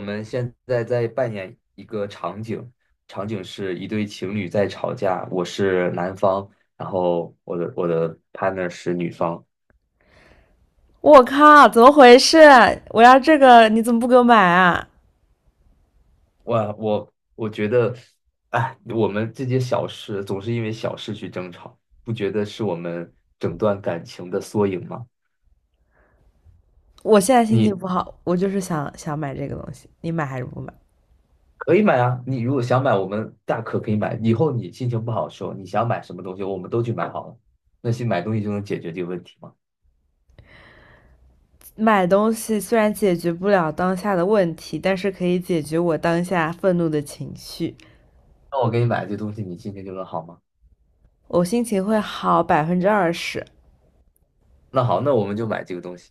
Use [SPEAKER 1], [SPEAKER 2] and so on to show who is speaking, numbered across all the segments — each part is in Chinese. [SPEAKER 1] 们现在在扮演一个场景，场景是一对情侣在吵架，我是男方，然后我的 partner 是女方。
[SPEAKER 2] 我靠，怎么回事？我要这个，你怎么不给我买啊？
[SPEAKER 1] 我觉得，哎，我们这些小事总是因为小事去争吵，不觉得是我们整段感情的缩影吗？
[SPEAKER 2] 我现在心
[SPEAKER 1] 你
[SPEAKER 2] 情不好，我就是想买这个东西，你买还是不买？
[SPEAKER 1] 可以买啊，你如果想买，我们可以买。以后你心情不好的时候，你想买什么东西，我们都去买好了。那些买东西就能解决这个问题吗？
[SPEAKER 2] 买东西虽然解决不了当下的问题，但是可以解决我当下愤怒的情绪，
[SPEAKER 1] 那我给你买这东西，你心情就能好吗？
[SPEAKER 2] 我心情会好20%。
[SPEAKER 1] 那好，那我们就买这个东西。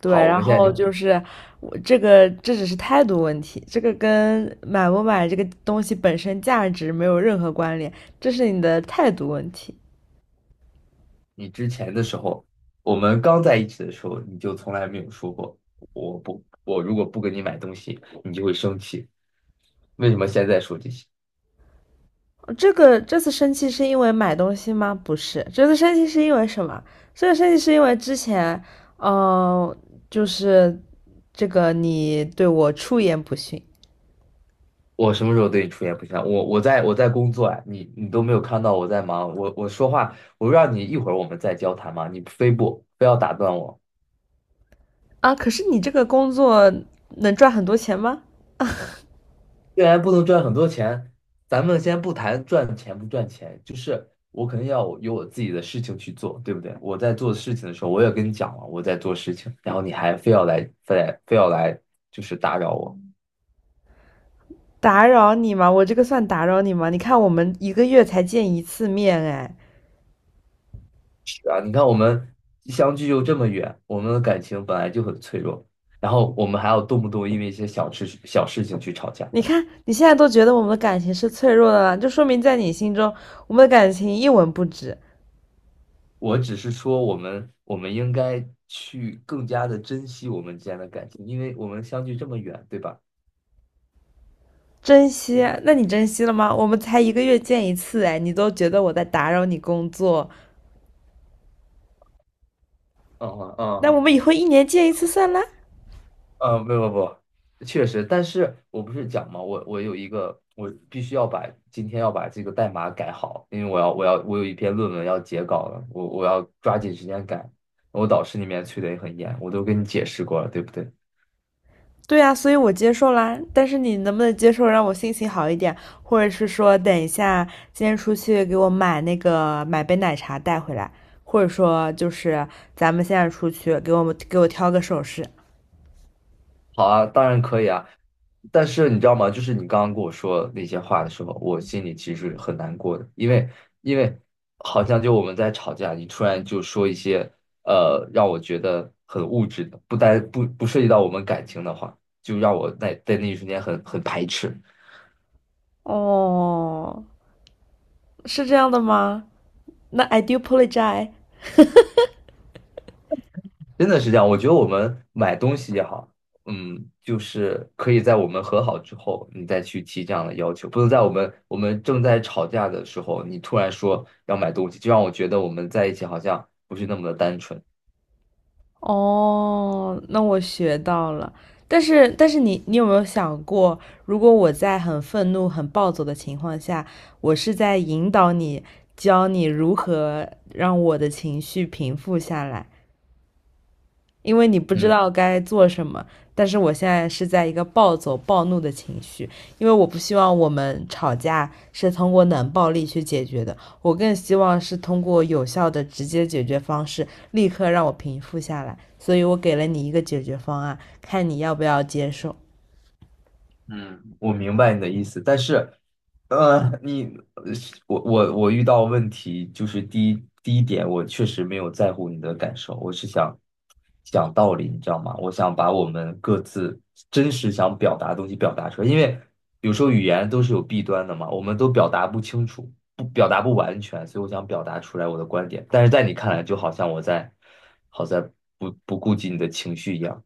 [SPEAKER 2] 对，
[SPEAKER 1] 好，我
[SPEAKER 2] 然
[SPEAKER 1] 们现在
[SPEAKER 2] 后
[SPEAKER 1] 就，
[SPEAKER 2] 就是我这个，这只是态度问题，这个跟买不买这个东西本身价值没有任何关联，这是你的态度问题。
[SPEAKER 1] 你之前的时候，我们刚在一起的时候，你就从来没有说过，我如果不给你买东西，你就会生气。为什么现在说这些？
[SPEAKER 2] 这次生气是因为买东西吗？不是，这次生气是因为什么？这次生气是因为之前，嗯，就是这个你对我出言不逊
[SPEAKER 1] 我什么时候对你出言不逊了？我在工作啊，你都没有看到我在忙，我说话，我让你一会儿我们再交谈嘛，你非要打断我。
[SPEAKER 2] 啊。可是你这个工作能赚很多钱吗？
[SPEAKER 1] 既然不能赚很多钱，咱们先不谈赚钱不赚钱，就是我肯定要有我自己的事情去做，对不对？我在做事情的时候，我也跟你讲了我在做事情，然后你还非要来，非来非要来，就是打扰我。
[SPEAKER 2] 打扰你吗？我这个算打扰你吗？你看我们一个月才见一次面，哎，
[SPEAKER 1] 是啊，你看我们相距又这么远，我们的感情本来就很脆弱，然后我们还要动不动因为一些小事情去吵架。
[SPEAKER 2] 你看你现在都觉得我们的感情是脆弱的了，就说明在你心中我们的感情一文不值。
[SPEAKER 1] 我只是说，我们应该去更加的珍惜我们之间的感情，因为我们相距这么远，对吧？
[SPEAKER 2] 珍惜？那你珍惜了吗？我们才一个月见一次，哎，你都觉得我在打扰你工作，
[SPEAKER 1] 嗯嗯
[SPEAKER 2] 那
[SPEAKER 1] 嗯，
[SPEAKER 2] 我们以后一年见一次算了？
[SPEAKER 1] 呃，不不不，确实，但是我不是讲嘛，我我有一个，我必须要把今天要把这个代码改好，因为我有一篇论文要截稿了，我要抓紧时间改。我导师那边催的也很严，我都跟你解释过了，对不对？
[SPEAKER 2] 对啊，所以我接受啦。但是你能不能接受让我心情好一点，或者是说等一下今天出去给我买那个买杯奶茶带回来，或者说就是咱们现在出去给我们给我挑个首饰。
[SPEAKER 1] 好啊，当然可以啊，但是你知道吗？就是你刚刚跟我说那些话的时候，我心里其实很难过的，因为好像就我们在吵架，你突然就说一些让我觉得很物质的，不单不不涉及到我们感情的话，就让我在那一瞬间很排斥。
[SPEAKER 2] 哦，是这样的吗？那 I do apologize.
[SPEAKER 1] 真的是这样，我觉得我们买东西也好，嗯，就是可以在我们和好之后，你再去提这样的要求，不能在我们正在吵架的时候，你突然说要买东西，就让我觉得我们在一起好像不是那么的单纯。
[SPEAKER 2] 哦，那我学到了。但是，你有没有想过，如果我在很愤怒、很暴走的情况下，我是在引导你，教你如何让我的情绪平复下来？因为你不知
[SPEAKER 1] 嗯。
[SPEAKER 2] 道该做什么。但是我现在是在一个暴走暴怒的情绪，因为我不希望我们吵架是通过冷暴力去解决的，我更希望是通过有效的直接解决方式，立刻让我平复下来。所以我给了你一个解决方案，看你要不要接受。
[SPEAKER 1] 嗯我明白你的意思，但是，呃，你我遇到问题就是第一点，我确实没有在乎你的感受，我是想讲道理，你知道吗？我想把我们各自真实想表达的东西表达出来，因为有时候语言都是有弊端的嘛，我们都表达不清楚，不表达不完全，所以我想表达出来我的观点，但是在你看来，就好像我在不不顾及你的情绪一样。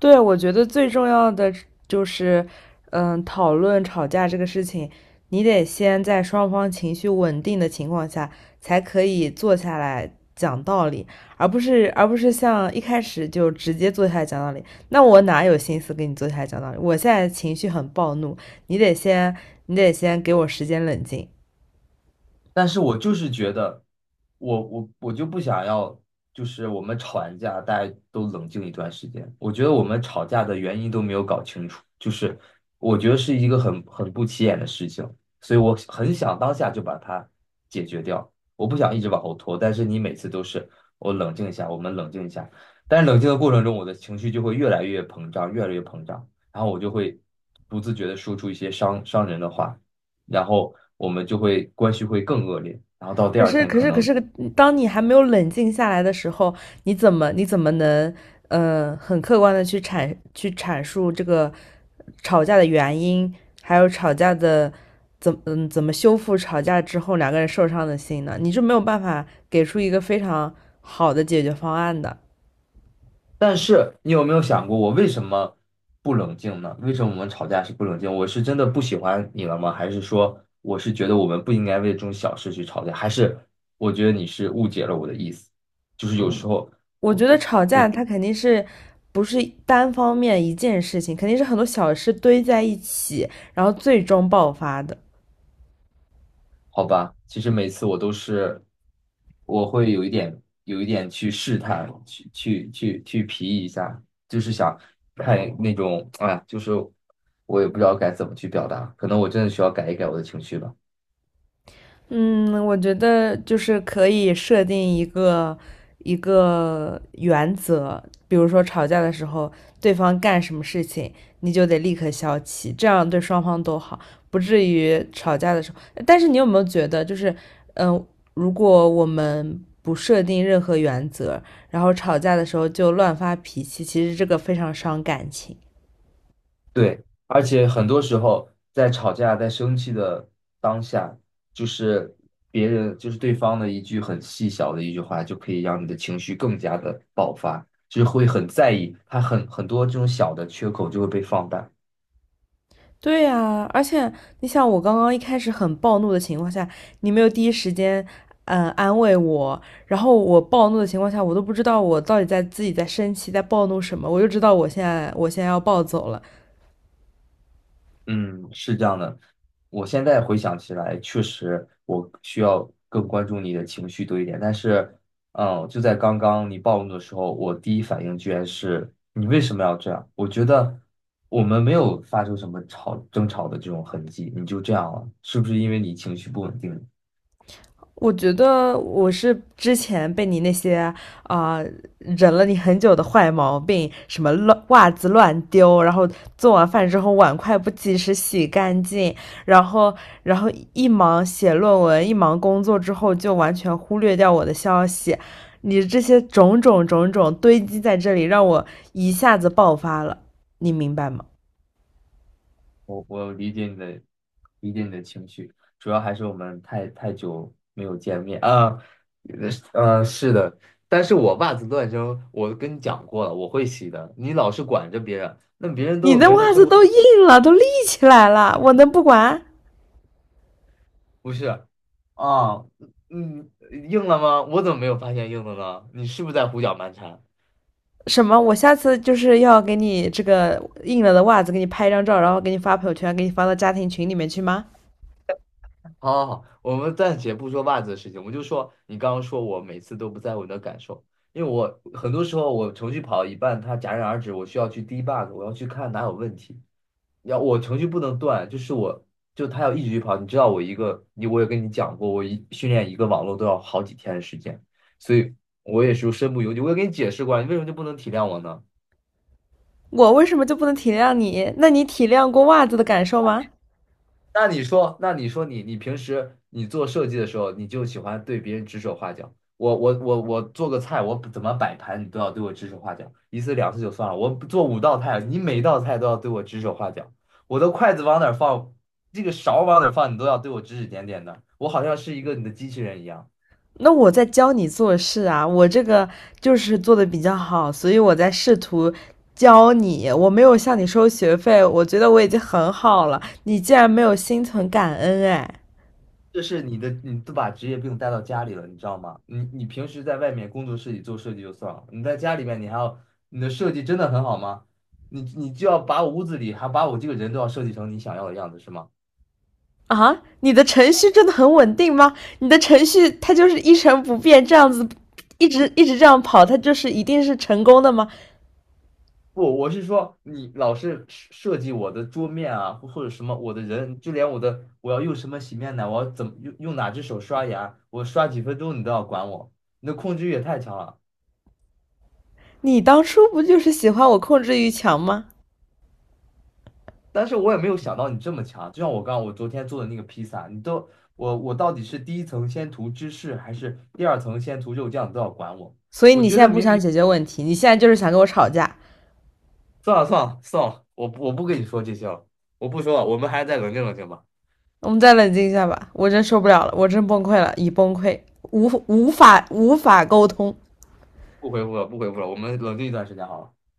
[SPEAKER 2] 对，我觉得最重要的就是，讨论吵架这个事情，你得先在双方情绪稳定的情况下，才可以坐下来讲道理，而不是像一开始就直接坐下来讲道理。那我哪有心思跟你坐下来讲道理？我现在情绪很暴怒，你得先你得先给我时间冷静。
[SPEAKER 1] 但是我就是觉得，我就不想要，就是我们吵完架，大家都冷静一段时间。我觉得我们吵架的原因都没有搞清楚，就是我觉得是一个很不起眼的事情，所以我很想当下就把它解决掉。我不想一直往后拖，但是你每次都是我冷静一下，我们冷静一下，但是冷静的过程中，我的情绪就会越来越膨胀，越来越膨胀，然后我就会不自觉的说出一些伤人的话。然后我们就会关系会更恶劣，然后到第
[SPEAKER 2] 可
[SPEAKER 1] 二
[SPEAKER 2] 是，
[SPEAKER 1] 天可
[SPEAKER 2] 可
[SPEAKER 1] 能，
[SPEAKER 2] 是，当你还没有冷静下来的时候，你怎么能，很客观的去去阐述这个吵架的原因，还有吵架的怎么修复吵架之后两个人受伤的心呢？你是没有办法给出一个非常好的解决方案的。
[SPEAKER 1] 但是你有没有想过我为什么不冷静呢？为什么我们吵架是不冷静？我是真的不喜欢你了吗？还是说我是觉得我们不应该为这种小事去吵架？还是我觉得你是误解了我的意思？就是有时候
[SPEAKER 2] 我
[SPEAKER 1] 我
[SPEAKER 2] 觉得吵
[SPEAKER 1] 我。
[SPEAKER 2] 架它肯定是不是单方面一件事情，肯定是很多小事堆在一起，然后最终爆发的。
[SPEAKER 1] 好吧，其实每次我都是，我会有一点去试探，去去皮一下，就是想看那种，哎呀，就是我也不知道该怎么去表达，可能我真的需要改一改我的情绪吧。
[SPEAKER 2] 嗯，我觉得就是可以设定一个一个原则，比如说吵架的时候，对方干什么事情，你就得立刻消气，这样对双方都好，不至于吵架的时候。但是你有没有觉得，嗯，呃如果我们不设定任何原则，然后吵架的时候就乱发脾气，其实这个非常伤感情。
[SPEAKER 1] 对，而且很多时候在吵架、在生气的当下，就是别人就是对方的很细小的一句话，就可以让你的情绪更加的爆发，就是会很在意，很多这种小的缺口就会被放大。
[SPEAKER 2] 对呀，而且你想，我刚刚一开始很暴怒的情况下，你没有第一时间，安慰我，然后我暴怒的情况下，我都不知道我到底在自己在生气，在暴怒什么，我就知道我现在要暴走了，
[SPEAKER 1] 嗯，是这样的。我现在回想起来，确实我需要更关注你的情绪多一点。但是，嗯，就在刚刚你暴怒的时候，我第一反应居然是你为什么要这样？我觉得我们没有发生什么争吵的这种痕迹，你就这样了，是不是因为你情绪不稳定？
[SPEAKER 2] 我觉得我是之前被你那些啊、呃忍了你很久的坏毛病，什么乱袜子乱丢，然后做完饭之后碗筷不及时洗干净，然后然后一忙写论文，一忙工作之后就完全忽略掉我的消息，你这些种种种种堆积在这里，让我一下子爆发了，你明白吗？
[SPEAKER 1] 我理解你的理解你的情绪，主要还是我们太久没有见面啊，呃，呃是的，但是我袜子乱扔，我跟你讲过了，我会洗的。你老是管着别人，那别人都
[SPEAKER 2] 你
[SPEAKER 1] 有
[SPEAKER 2] 的
[SPEAKER 1] 别人的
[SPEAKER 2] 袜
[SPEAKER 1] 生
[SPEAKER 2] 子
[SPEAKER 1] 活，
[SPEAKER 2] 都硬了，都立起来了，我能不管？
[SPEAKER 1] 不是啊？嗯，嗯硬了吗？我怎么没有发现硬的呢？你是不是在胡搅蛮缠？
[SPEAKER 2] 什么？我下次就是要给你这个印了的袜子给你拍一张照，然后给你发朋友圈，给你发到家庭群里面去吗？
[SPEAKER 1] 好好好，我们暂且不说袜子的事情，我们就说你刚刚说我每次都不在乎你的感受，因为我很多时候我程序跑到一半，它戛然而止，我需要去 debug，我要去看哪有问题。要我程序不能断，就是我就它要一直去跑。你知道我一个，你我也跟你讲过，我一训练一个网络都要好几天的时间，所以我也是身不由己。我也跟你解释过了，你为什么就不能体谅我呢？
[SPEAKER 2] 我为什么就不能体谅你？那你体谅过袜子的感受吗？
[SPEAKER 1] 那你说你平时你做设计的时候，你就喜欢对别人指手画脚。我做个菜，我怎么摆盘，你都要对我指手画脚，一次两次就算了。我做五道菜，你每道菜都要对我指手画脚。我的筷子往哪儿放，这个勺往哪儿放，你都要对我指指点点的。我好像是一个你的机器人一样。
[SPEAKER 2] 那我在教你做事啊，我这个就是做的比较好，所以我在试图教你。我没有向你收学费，我觉得我已经很好了。你竟然没有心存感恩，哎，
[SPEAKER 1] 这是你的，你都把职业病带到家里了，你知道吗？你平时在外面工作室里做设计就算了，你在家里面你还要，你的设计真的很好吗？你就要把屋子里还把我这个人都要设计成你想要的样子是吗？
[SPEAKER 2] 啊，你的程序真的很稳定吗？你的程序它就是一成不变这样子，一直这样跑，它就是一定是成功的吗？
[SPEAKER 1] 不，我是说你老是设计我的桌面啊，或者什么我的人，就连我要用什么洗面奶，我要怎么用哪只手刷牙，我刷几分钟你都要管我，你的控制欲也太强了。
[SPEAKER 2] 你当初不就是喜欢我控制欲强吗？
[SPEAKER 1] 但是我也没有想到你这么强，就像我刚刚我昨天做的那个披萨，我到底是第一层先涂芝士，还是第二层先涂肉酱，你都要管我。
[SPEAKER 2] 所以
[SPEAKER 1] 我
[SPEAKER 2] 你
[SPEAKER 1] 觉
[SPEAKER 2] 现在
[SPEAKER 1] 得
[SPEAKER 2] 不想解决问题，你现在就是想跟我吵架。
[SPEAKER 1] 算了算了算了，我不跟你说这些了，我不说了，我们还是再冷静冷静吧，
[SPEAKER 2] 我们再冷静一下吧，我真受不了了，我真崩溃了，已崩溃，无法沟通。
[SPEAKER 1] 不回复了不回复了，我们冷静一段时间好了。